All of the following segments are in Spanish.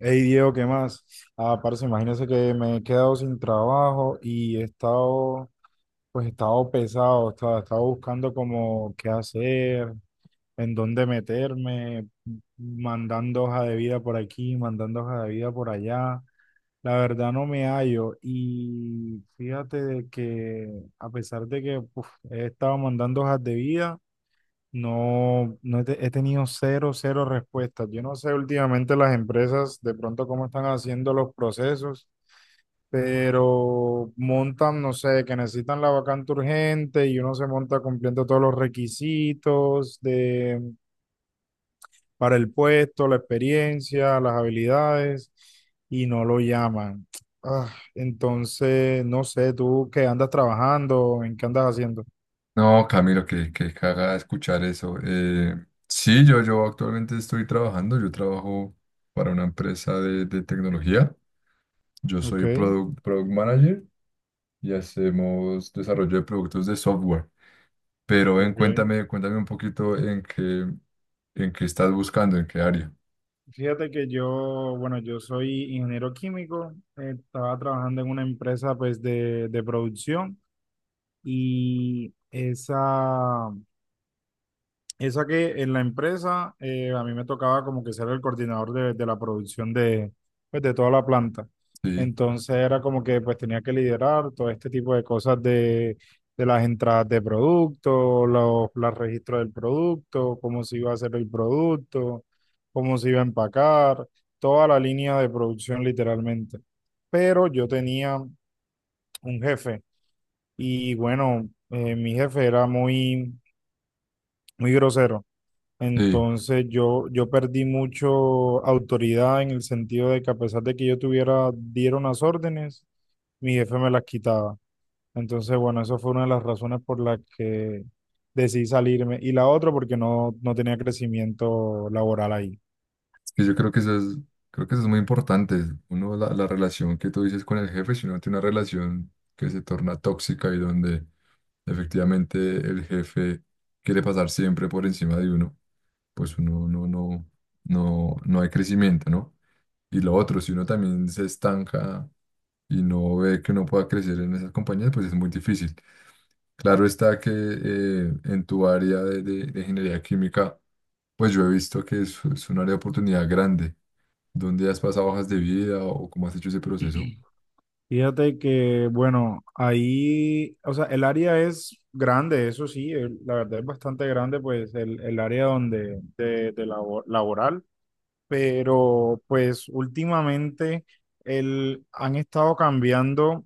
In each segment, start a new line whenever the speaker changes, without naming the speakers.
Hey Diego, ¿qué más? Ah, parce, imagínese que me he quedado sin trabajo y he estado, pues he estado pesado, estaba buscando como qué hacer, en dónde meterme, mandando hoja de vida por aquí, mandando hoja de vida por allá. La verdad no me hallo y fíjate de que a pesar de que he estado mandando hojas de vida, no, no he, te- he tenido cero, cero respuestas. Yo no sé últimamente las empresas de pronto cómo están haciendo los procesos, pero montan, no sé, que necesitan la vacante urgente y uno se monta cumpliendo todos los requisitos de, para el puesto, la experiencia, las habilidades y no lo llaman. Ah, entonces, no sé, tú qué andas trabajando, en qué andas haciendo.
No, Camilo, que caga escuchar eso. Sí, yo actualmente estoy trabajando, yo trabajo para una empresa de tecnología. Yo
Ok,
soy product manager y hacemos desarrollo de productos de software. Pero ven,
ok.
cuéntame, cuéntame un poquito en qué estás buscando, en qué área.
Fíjate que yo soy ingeniero químico, estaba trabajando en una empresa pues de producción y esa que en la empresa a mí me tocaba como que ser el coordinador de la producción de, pues, de toda la planta.
Sí,
Entonces era como que pues tenía que liderar todo este tipo de cosas de las entradas de producto, los registros del producto, cómo se iba a hacer el producto, cómo se iba a empacar, toda la línea de producción literalmente. Pero yo tenía un jefe y bueno, mi jefe era muy grosero.
sí.
Entonces yo perdí mucho autoridad en el sentido de que a pesar de que yo tuviera, dieron las órdenes, mi jefe me las quitaba. Entonces, bueno, eso fue una de las razones por las que decidí salirme. Y la otra porque no, no tenía crecimiento laboral ahí.
Es que yo creo que eso es, creo que eso es muy importante. Uno, la relación que tú dices con el jefe, si uno tiene una relación que se torna tóxica y donde efectivamente el jefe quiere pasar siempre por encima de uno, pues uno no hay crecimiento, ¿no? Y lo otro, si uno también se estanca y no ve que uno pueda crecer en esas compañías, pues es muy difícil. Claro está que en tu área de, de ingeniería química, pues yo he visto que es un área de oportunidad grande. ¿Dónde has pasado hojas de vida o cómo has hecho ese proceso?
Fíjate que, bueno, ahí, o sea, el área es grande, eso sí, la verdad es bastante grande, pues el área donde, laboral. Pero pues últimamente han estado cambiando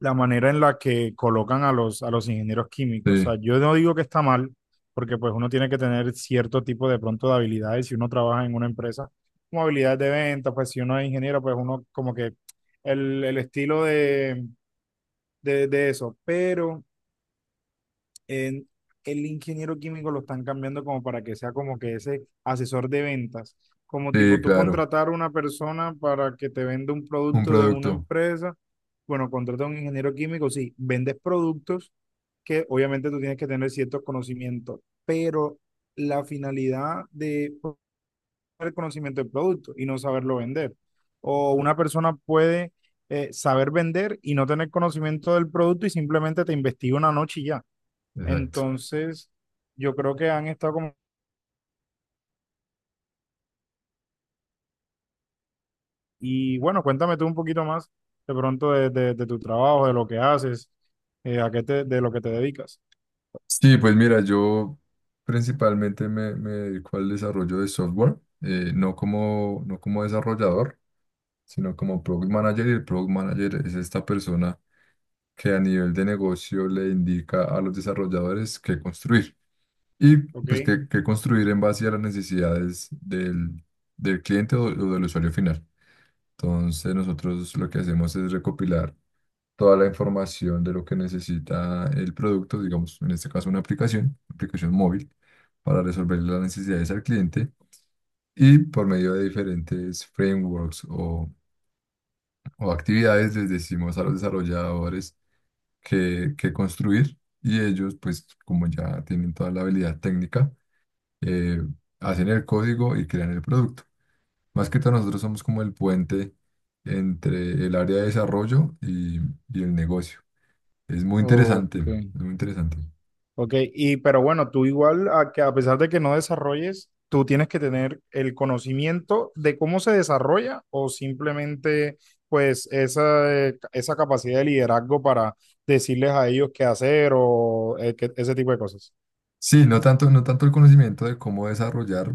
la manera en la que colocan a a los ingenieros químicos. O
Sí,
sea, yo no digo que está mal, porque pues uno tiene que tener cierto tipo de pronto de habilidades si uno trabaja en una empresa, como habilidades de venta, pues si uno es ingeniero, pues uno como que el estilo de eso, pero en- el ingeniero químico lo están cambiando como para que sea como que ese asesor de ventas, como
sí,
tipo tú
claro,
contratar a una persona para que te venda un
un
producto de una
producto,
empresa, bueno, contrata a un ingeniero químico, sí, vendes productos que obviamente tú tienes que tener ciertos conocimientos, pero la finalidad de el conocimiento del producto y no saberlo vender. O una persona puede saber vender y no tener conocimiento del producto y simplemente te investiga una noche y ya.
exacto.
Entonces, yo creo que han estado como… Y bueno, cuéntame tú un poquito más de pronto de tu trabajo, de lo que haces, a qué te, de lo que te dedicas.
Sí, pues mira, yo principalmente me dedico al desarrollo de software, no como, no como desarrollador, sino como product manager. Y el product manager es esta persona que a nivel de negocio le indica a los desarrolladores qué construir y
Ok.
pues qué, qué construir en base a las necesidades del, del cliente o del usuario final. Entonces nosotros lo que hacemos es recopilar toda la información de lo que necesita el producto, digamos, en este caso una aplicación, aplicación móvil, para resolver las necesidades al cliente y por medio de diferentes frameworks o actividades les decimos a los desarrolladores que qué construir y ellos, pues como ya tienen toda la habilidad técnica, eh, hacen el código y crean el producto. Más que todo nosotros somos como el puente entre el área de desarrollo y el negocio. Es muy interesante,
Ok.
es muy interesante.
Ok, y pero bueno, tú igual, a, que a pesar de que no desarrolles, tú tienes que tener el conocimiento de cómo se desarrolla o simplemente pues esa, esa capacidad de liderazgo para decirles a ellos qué hacer o ese tipo de cosas.
Sí, no tanto, no tanto el conocimiento de cómo desarrollar,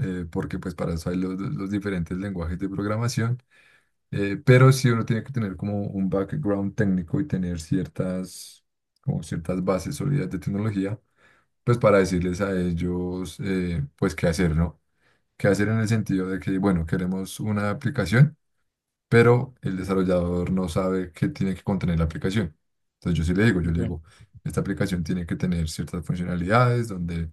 porque pues para eso hay los diferentes lenguajes de programación, pero sí uno tiene que tener como un background técnico y tener ciertas, como ciertas bases sólidas de tecnología, pues para decirles a ellos, pues qué hacer, ¿no? Qué hacer en el sentido de que, bueno, queremos una aplicación. Pero el desarrollador no sabe qué tiene que contener la aplicación. Entonces yo sí le digo, yo le digo,
Ok.
esta aplicación tiene que tener ciertas funcionalidades donde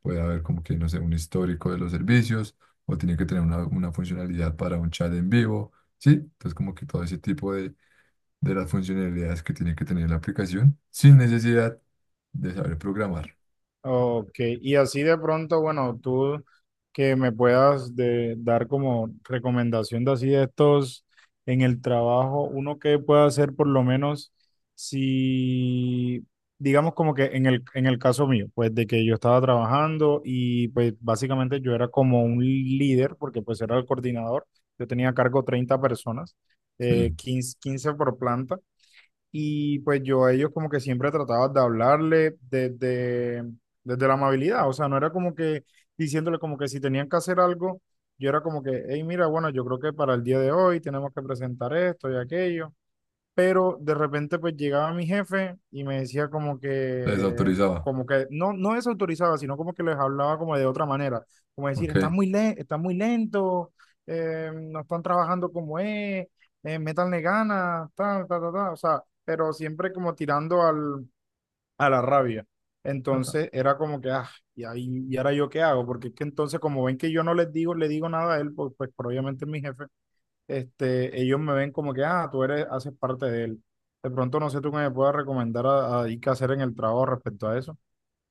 puede haber como que, no sé, un histórico de los servicios o tiene que tener una funcionalidad para un chat en vivo, ¿sí? Entonces como que todo ese tipo de las funcionalidades que tiene que tener la aplicación sin necesidad de saber programar,
Ok, y así de pronto, bueno, tú que me puedas dar como recomendación de así de estos en el trabajo, uno que pueda hacer por lo menos si, digamos como que en en el caso mío, pues de que yo estaba trabajando y pues básicamente yo era como un líder, porque pues era el coordinador, yo tenía a cargo 30 personas,
¿sí?
15 15 por planta. Y pues yo a ellos como que siempre trataba de hablarle desde, desde la amabilidad, o sea, no era como que diciéndole como que si tenían que hacer algo, yo era como que, hey, mira, bueno, yo creo que para el día de hoy tenemos que presentar esto y aquello pero de repente pues llegaba mi jefe y me decía
Se desautorizaba,
no, no desautorizaba, sino como que les hablaba como de otra manera, como decir,
¿ok?
están muy, le están muy lento, no están trabajando como es, métanle ganas, ta, ta, ta, ta, o sea, pero siempre como tirando al, a la rabia. Entonces era como que, ah, y ahora yo qué hago, porque es que entonces como ven que yo no les digo, le digo nada a él, pues pero obviamente es mi jefe este, ellos me ven como que, ah, tú eres, haces parte de él. De pronto no sé tú qué me puedas recomendar y qué hacer en el trabajo respecto a eso.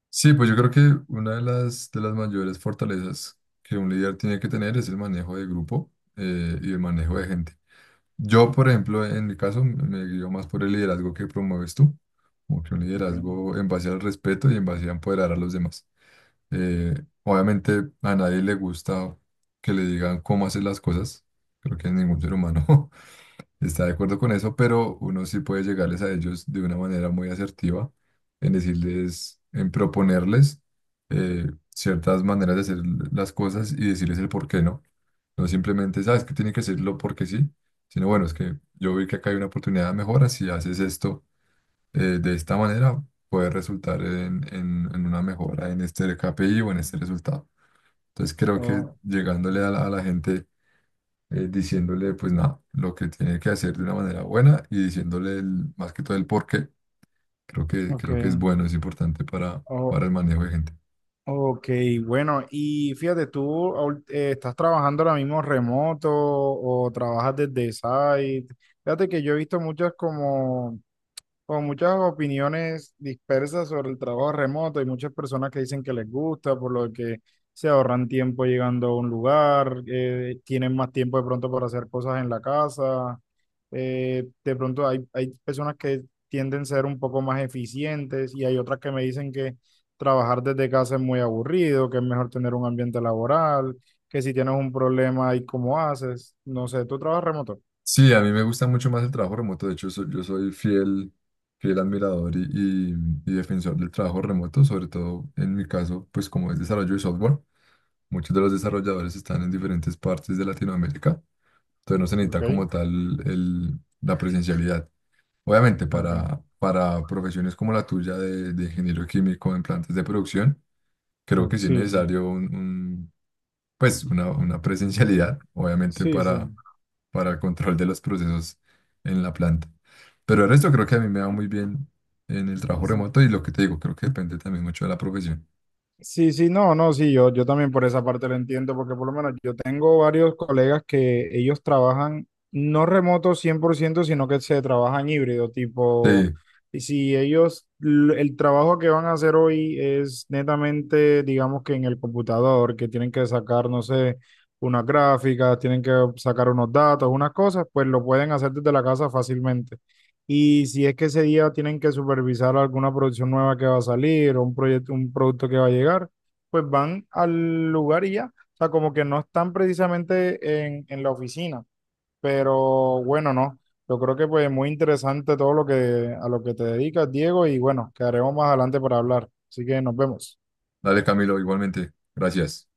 Sí, pues yo creo que una de las mayores fortalezas que un líder tiene que tener es el manejo de grupo y el manejo de gente. Yo, por ejemplo, en mi caso, me guío más por el liderazgo que promueves tú, como que un
Ok.
liderazgo en base al respeto y en base a empoderar a los demás. Eh, obviamente a nadie le gusta que le digan cómo hacer las cosas, creo que a ningún ser humano, está de acuerdo con eso, pero uno sí puede llegarles a ellos de una manera muy asertiva, en decirles, en proponerles ciertas maneras de hacer las cosas y decirles el por qué no. No simplemente, sabes que tiene que hacerlo porque sí, sino bueno, es que yo vi que acá hay una oportunidad de mejora, si haces esto de esta manera, puede resultar en, en una mejora en este KPI o en este resultado. Entonces creo que
O-
llegándole a la gente diciéndole pues nada, lo que tiene que hacer de una manera buena y diciéndole más que todo el por qué.
ok.
Creo que es bueno, es importante
O-
para el manejo de gente.
ok, bueno, y fíjate, ¿ estás trabajando ahora mismo remoto o trabajas desde site? Fíjate que yo he visto muchas como con muchas opiniones dispersas sobre el trabajo remoto y muchas personas que dicen que les gusta, por lo que se ahorran tiempo llegando a un lugar, tienen más tiempo de pronto para hacer cosas en la casa. Hay personas que tienden a ser un poco más eficientes y hay otras que me dicen que trabajar desde casa es muy aburrido, que es mejor tener un ambiente laboral, que si tienes un problema y cómo haces, no sé, tú trabajas remoto,
Sí, a mí me gusta mucho más el trabajo remoto. De hecho, yo soy fiel, fiel admirador y- y defensor del trabajo remoto, sobre todo en mi caso, pues como es desarrollo de software, muchos de los desarrolladores están en diferentes partes de Latinoamérica, entonces no se necesita como
¿ok?
tal la presencialidad. Obviamente,
Ok,
para profesiones como la tuya de ingeniero químico en plantas de producción, creo
ok,
que sí es
sí, sí,
necesario pues una presencialidad, obviamente,
sí, sí.
para el control de los procesos en la planta. Pero el resto creo que a mí me va muy bien en el trabajo
Sí.
remoto y lo que te digo, creo que depende también mucho de la profesión.
Sí, sí, no, no, sí, yo también por esa parte lo entiendo, porque por lo menos yo tengo varios colegas que ellos trabajan no remoto 100%, sino que se trabajan híbrido, tipo,
Sí,
y si ellos, el trabajo que van a hacer hoy es netamente, digamos que en el computador, que tienen que sacar, no sé, unas gráficas, tienen que sacar unos datos, unas cosas, pues lo pueden hacer desde la casa fácilmente. Y si es que ese día tienen que supervisar alguna producción nueva que va a salir o un proyecto, un producto que va a llegar, pues van al lugar y ya. O sea, como que no están precisamente en la oficina. Pero bueno, no. Yo creo que pues muy interesante todo lo que a lo que te dedicas, Diego, y bueno, quedaremos más adelante para hablar. Así que nos vemos.
dale Camilo, igualmente. Gracias.